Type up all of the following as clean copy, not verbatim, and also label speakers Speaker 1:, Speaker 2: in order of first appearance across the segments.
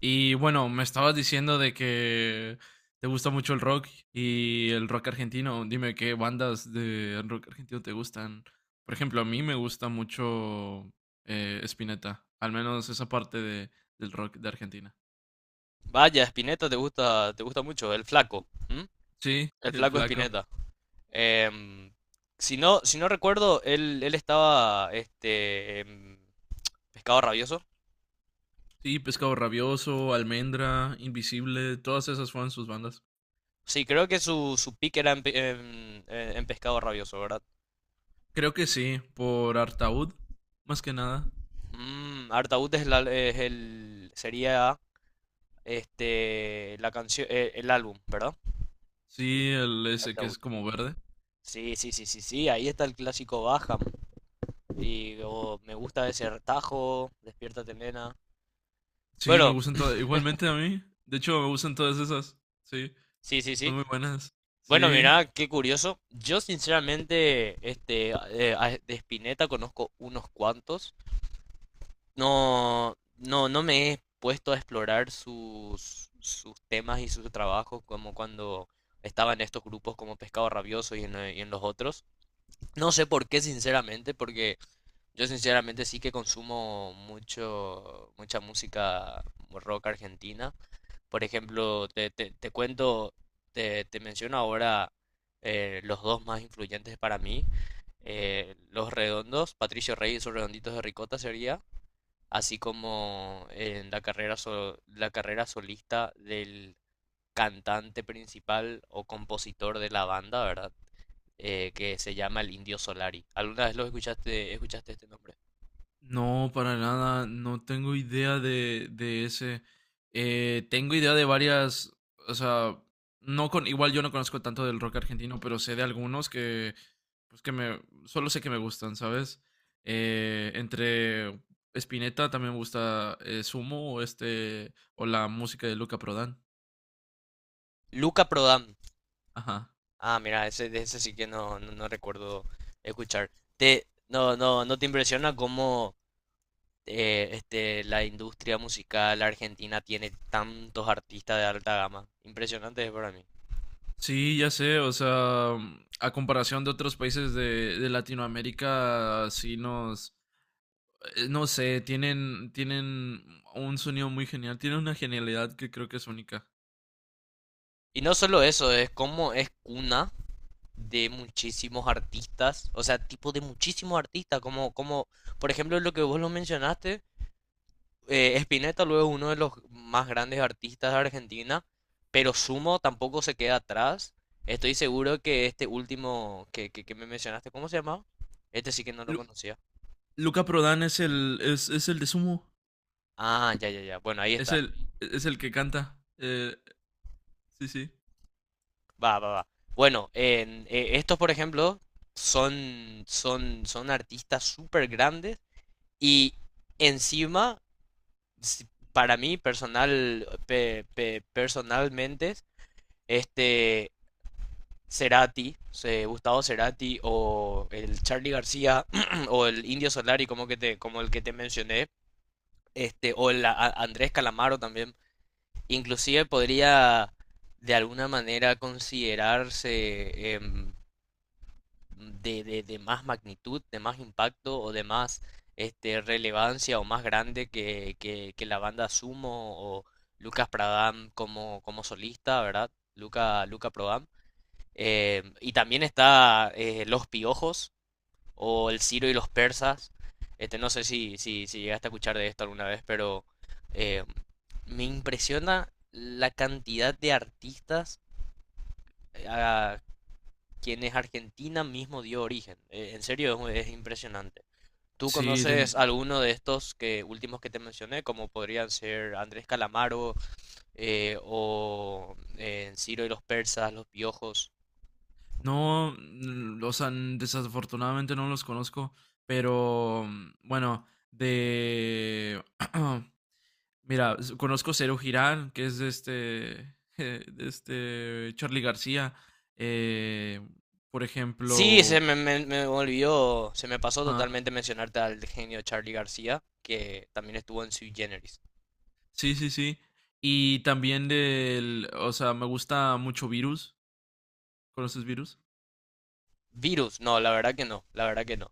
Speaker 1: Y bueno, me estabas diciendo de que te gusta mucho el rock y el rock argentino. Dime qué bandas de rock argentino te gustan. Por ejemplo, a mí me gusta mucho Spinetta, al menos esa parte del rock de Argentina.
Speaker 2: Vaya, Spinetta te gusta mucho, el flaco, ¿m?
Speaker 1: Sí,
Speaker 2: El
Speaker 1: el
Speaker 2: flaco
Speaker 1: flaco.
Speaker 2: Spinetta. Em, si no, si no recuerdo, él estaba este, en Pescado Rabioso.
Speaker 1: Sí, Pescado Rabioso, Almendra, Invisible, todas esas fueron sus bandas.
Speaker 2: Sí, creo que su pick era en, pe- en Pescado Rabioso, ¿verdad?
Speaker 1: Creo que sí, por Artaud, más que nada.
Speaker 2: Artaud es, es el, sería este, la canción, el álbum, ¿verdad?
Speaker 1: Sí, el ese que
Speaker 2: Artaud.
Speaker 1: es como verde.
Speaker 2: Sí, sí, sí, sí, sí, ahí está el clásico Baja. Y oh, me gusta ese tajo, Despiértate, nena.
Speaker 1: Sí, me
Speaker 2: Bueno,
Speaker 1: gustan todas. Igualmente a mí. De hecho, me gustan todas esas. Sí,
Speaker 2: sí, sí,
Speaker 1: son
Speaker 2: sí.
Speaker 1: muy buenas.
Speaker 2: Bueno,
Speaker 1: Sí.
Speaker 2: mirá, qué curioso. Yo sinceramente, este, de Spinetta conozco unos cuantos. No, no, no me he puesto a explorar sus temas y sus trabajos como cuando estaba en estos grupos como Pescado Rabioso y en los otros. No sé por qué, sinceramente, porque yo sinceramente sí que consumo mucho, mucha música rock argentina. Por ejemplo, te cuento, te menciono ahora los dos más influyentes para mí. Los redondos, Patricio Rey y sus redonditos de ricota sería, así como en la carrera, la carrera solista del cantante principal o compositor de la banda, ¿verdad? Que se llama el Indio Solari. ¿Alguna vez lo escuchaste este nombre?
Speaker 1: No, para nada. No tengo idea de ese. Tengo idea de varias. O sea, no con. Igual yo no conozco tanto del rock argentino, pero sé de algunos que. Pues que me. Solo sé que me gustan, ¿sabes? Entre Spinetta también me gusta Sumo o este. O la música de Luca Prodan.
Speaker 2: Luca Prodan.
Speaker 1: Ajá.
Speaker 2: Ah, mira, ese, de ese sí que no, no, no recuerdo escuchar. No, no, ¿no te impresiona cómo este, la industria musical argentina tiene tantos artistas de alta gama? Impresionante es para mí.
Speaker 1: Sí, ya sé, o sea, mm, a comparación de otros países de Latinoamérica, sí nos, no sé, tienen un sonido muy genial, tienen una genialidad que creo que es única.
Speaker 2: Y no solo eso, es como es cuna de muchísimos artistas, o sea, tipo de muchísimos artistas, como por ejemplo lo que vos lo mencionaste, Spinetta luego es uno de los más grandes artistas de Argentina, pero Sumo tampoco se queda atrás. Estoy seguro que este último que me mencionaste, ¿cómo se llamaba? Este sí que no lo
Speaker 1: Lu-
Speaker 2: conocía.
Speaker 1: Luca Prodan es el, es el de Sumo,
Speaker 2: Ah, ya, ya, ya. Bueno, ahí
Speaker 1: es
Speaker 2: está.
Speaker 1: el, es el que canta. Sí, sí.
Speaker 2: Va, va, va. Bueno, estos, por ejemplo, son artistas súper grandes y encima, si- para mí, personal, personalmente, este, Gustavo Cerati o el Charlie García o el Indio Solari como que te, como el que te mencioné, este, o el Andrés Calamaro también, inclusive podría de alguna manera considerarse de más magnitud, de más impacto o de más este, relevancia o más grande que, que la banda Sumo o Lucas Pradam como, como solista, ¿verdad? Luca, Luca Prodan. Y también está Los Piojos o El Ciro y los Persas. Este, no sé si llegaste a escuchar de esto alguna vez, pero eh, me impresiona la cantidad de artistas a quienes Argentina mismo dio origen. En serio, es impresionante. ¿Tú
Speaker 1: Sí,
Speaker 2: conoces alguno de estos últimos que te mencioné, como podrían ser Andrés Calamaro o Ciro y los Persas, Los Piojos?
Speaker 1: no, mm, o sea, desafortunadamente no los conozco, pero mm, bueno, de... Mira, conozco Cero Girán, que es de este, de este Charly García. Eh, por
Speaker 2: Sí, se
Speaker 1: ejemplo,
Speaker 2: me olvidó, se me pasó
Speaker 1: ajá,
Speaker 2: totalmente mencionarte al genio Charlie García, que también estuvo en Sui Generis.
Speaker 1: sí. Y también del, o sea, me gusta mucho Virus. ¿Conoces Virus?
Speaker 2: Virus, no, la verdad que no, la verdad que no.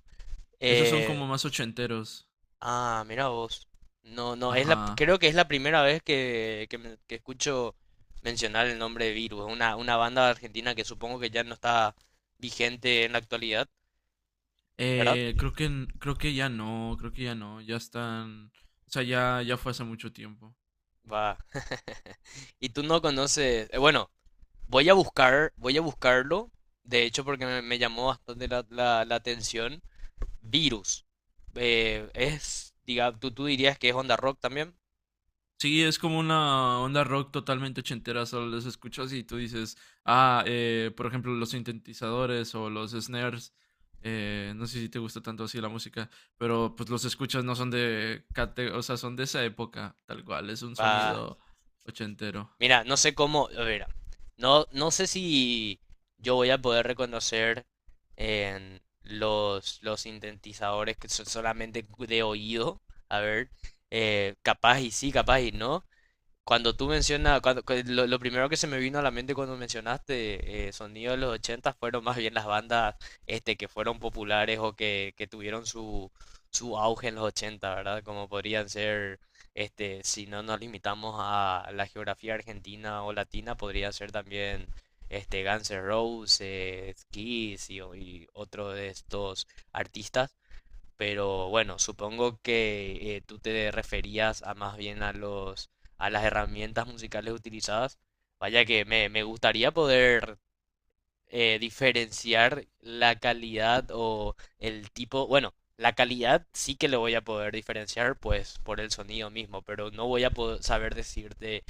Speaker 1: Esos son
Speaker 2: Eh,
Speaker 1: como más ochenteros.
Speaker 2: ah, mira vos. No, no, es
Speaker 1: Ajá.
Speaker 2: creo que es la primera vez que escucho mencionar el nombre de Virus, una banda argentina que supongo que ya no está vigente en la actualidad, ¿verdad?
Speaker 1: Creo que, creo que ya no, creo que ya no, ya están, o sea, ya, ya fue hace mucho tiempo.
Speaker 2: Va. Y tú no conoces, bueno, voy a buscarlo, de hecho, porque me llamó bastante la atención. Virus. Diga, tú dirías que es onda rock también.
Speaker 1: Sí, es como una onda rock totalmente ochentera, solo los escuchas y tú dices, ah, por ejemplo, los sintetizadores o los snares, no sé si te gusta tanto así la música, pero pues los escuchas no son de, o sea, son de esa época, tal cual, es un
Speaker 2: Va,
Speaker 1: sonido ochentero.
Speaker 2: mira, no sé cómo, a ver, no, no sé si yo voy a poder reconocer en los sintetizadores que son solamente de oído. A ver, capaz y sí, capaz y no. Cuando tú mencionas, cuando, cu- Lo primero que se me vino a la mente cuando mencionaste sonido de los 80 fueron más bien las bandas este, que fueron populares o que tuvieron su auge en los 80, ¿verdad? Como podrían ser, este, si no nos limitamos a la geografía argentina o latina, podría ser también este, Guns N' Roses, Kiss y otro de estos artistas, pero bueno, supongo que tú te referías a más bien a las herramientas musicales utilizadas. Vaya que me gustaría poder diferenciar la calidad o el tipo, bueno, la calidad sí que le voy a poder diferenciar pues por el sonido mismo, pero no voy a poder saber decirte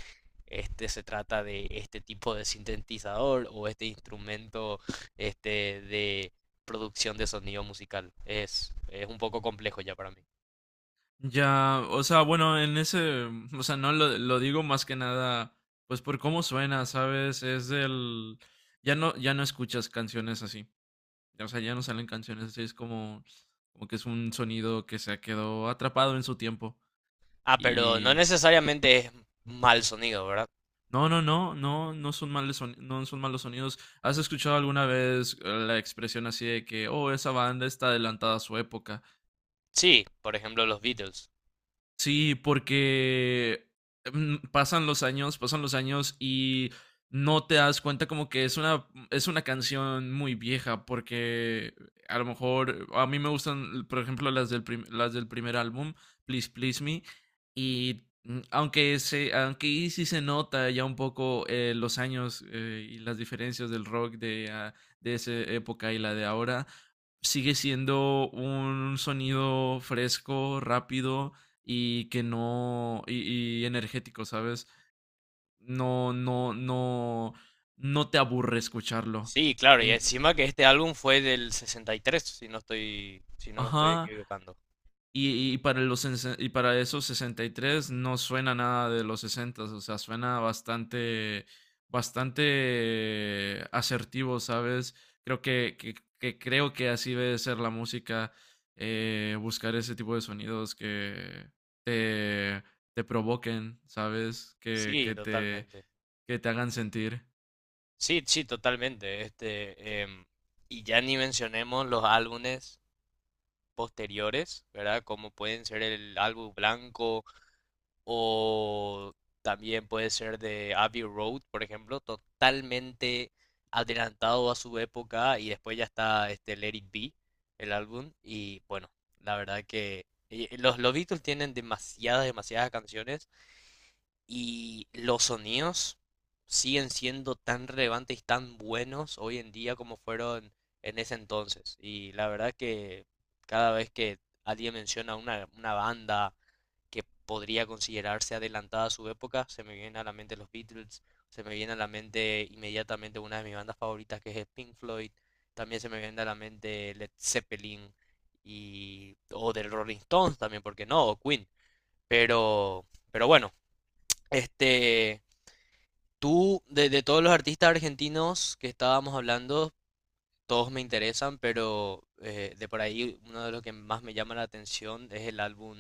Speaker 2: este se trata de este tipo de sintetizador o este instrumento este de producción de sonido musical. Es un poco complejo ya para mí.
Speaker 1: Ya, o sea, bueno, en ese, o sea, no lo, lo digo más que nada, pues por cómo suena, ¿sabes? Es del, ya no, ya no escuchas canciones así. O sea, ya no salen canciones así, es como, como que es un sonido que se quedó atrapado en su tiempo.
Speaker 2: Ah, pero no
Speaker 1: Y
Speaker 2: necesariamente es mal sonido, ¿verdad?
Speaker 1: no, no, no, no, no son malos sonidos, no son malos sonidos. ¿Has escuchado alguna vez la expresión así de que, oh, esa banda está adelantada a su época?
Speaker 2: Sí, por ejemplo los Beatles.
Speaker 1: Sí, porque mm, pasan los años y no te das cuenta como que es una canción muy vieja, porque a lo mejor a mí me gustan, por ejemplo, las del, las del primer álbum, Please Please Me, y mm, aunque ahí sí se nota ya un poco los años y las diferencias del rock de, ah, de esa época y la de ahora, sigue siendo un sonido fresco, rápido y que no, y energético, ¿sabes? No, no, no, no te aburre escucharlo.
Speaker 2: Sí, claro, y
Speaker 1: En,
Speaker 2: encima que este álbum fue del 63, si no me estoy
Speaker 1: ajá,
Speaker 2: equivocando.
Speaker 1: y para los, y para esos 63 no suena nada de los 60, o sea, suena bastante, bastante asertivo, ¿sabes? Creo que, que creo que así debe ser la música, buscar ese tipo de sonidos que te, te provoquen, ¿sabes?
Speaker 2: Sí, totalmente.
Speaker 1: Que te hagan sentir.
Speaker 2: Sí, sí, totalmente. Este, y ya ni mencionemos los álbumes posteriores, ¿verdad? Como pueden ser el álbum blanco, o también puede ser de Abbey Road, por ejemplo, totalmente adelantado a su época y después ya está este Let It Be, el álbum y bueno, la verdad que los Beatles tienen demasiadas, demasiadas canciones y los sonidos siguen siendo tan relevantes y tan buenos hoy en día como fueron en ese entonces. Y la verdad que cada vez que alguien menciona una banda que podría considerarse adelantada a su época. Se me vienen a la mente los Beatles, se me viene a la mente inmediatamente una de mis bandas favoritas que es Pink Floyd, también se me viene a la mente Led Zeppelin y o del Rolling Stones también, porque no, o Queen. Pero, pero bueno, este, tú de todos los artistas argentinos que estábamos hablando, todos me interesan, pero de por ahí uno de los que más me llama la atención es el álbum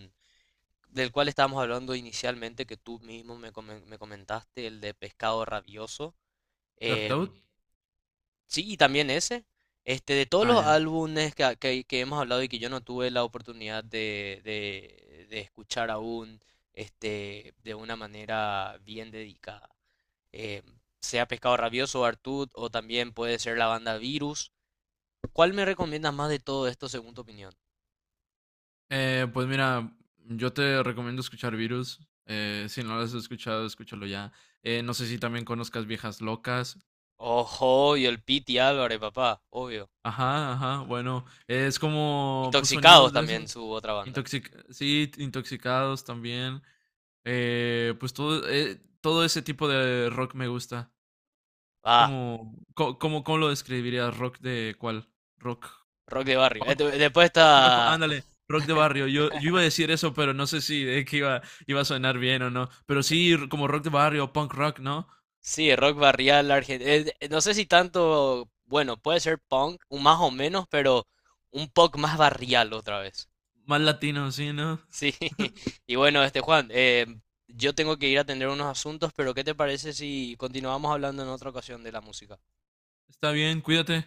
Speaker 2: del cual estábamos hablando inicialmente, que tú mismo me comentaste, el de Pescado Rabioso. Em,
Speaker 1: ¿Dartout?
Speaker 2: sí, y también ese. Este, de todos
Speaker 1: Ah,
Speaker 2: los
Speaker 1: ya.
Speaker 2: álbumes que hemos hablado y que yo no tuve la oportunidad de escuchar aún, este, de una manera bien dedicada. Em, Sea Pescado Rabioso o Artud, o también puede ser la banda Virus. ¿Cuál me recomiendas más de todo esto según tu opinión?
Speaker 1: Pues mira, yo te recomiendo escuchar Virus. Si no lo has escuchado, escúchalo ya. No sé si también conozcas Viejas Locas.
Speaker 2: Ojo, y el Piti Álvarez, papá, obvio.
Speaker 1: Ajá, ajá, bueno. Es como, pues, sonidos
Speaker 2: Intoxicados
Speaker 1: de
Speaker 2: también
Speaker 1: esos.
Speaker 2: su otra banda.
Speaker 1: Sí, intoxicados también. Pues todo, todo ese tipo de rock me gusta. Es
Speaker 2: Ah,
Speaker 1: como, ¿cómo, cómo lo describirías? ¿Rock de cuál? ¿Rock?
Speaker 2: rock de barrio. Después
Speaker 1: Punk rock,
Speaker 2: está.
Speaker 1: ándale, rock de barrio. Yo iba a decir eso, pero no sé si es que iba, iba a sonar bien o no. Pero sí, como rock de barrio, punk rock, ¿no?
Speaker 2: Sí, rock barrial argentino. No sé si tanto. Bueno, puede ser punk, un más o menos, pero un poco más barrial otra vez.
Speaker 1: Más latino, sí, ¿no?
Speaker 2: Sí. Y bueno, este Juan, yo tengo que ir a atender unos asuntos, pero ¿qué te parece si continuamos hablando en otra ocasión de la música?
Speaker 1: Está bien, cuídate.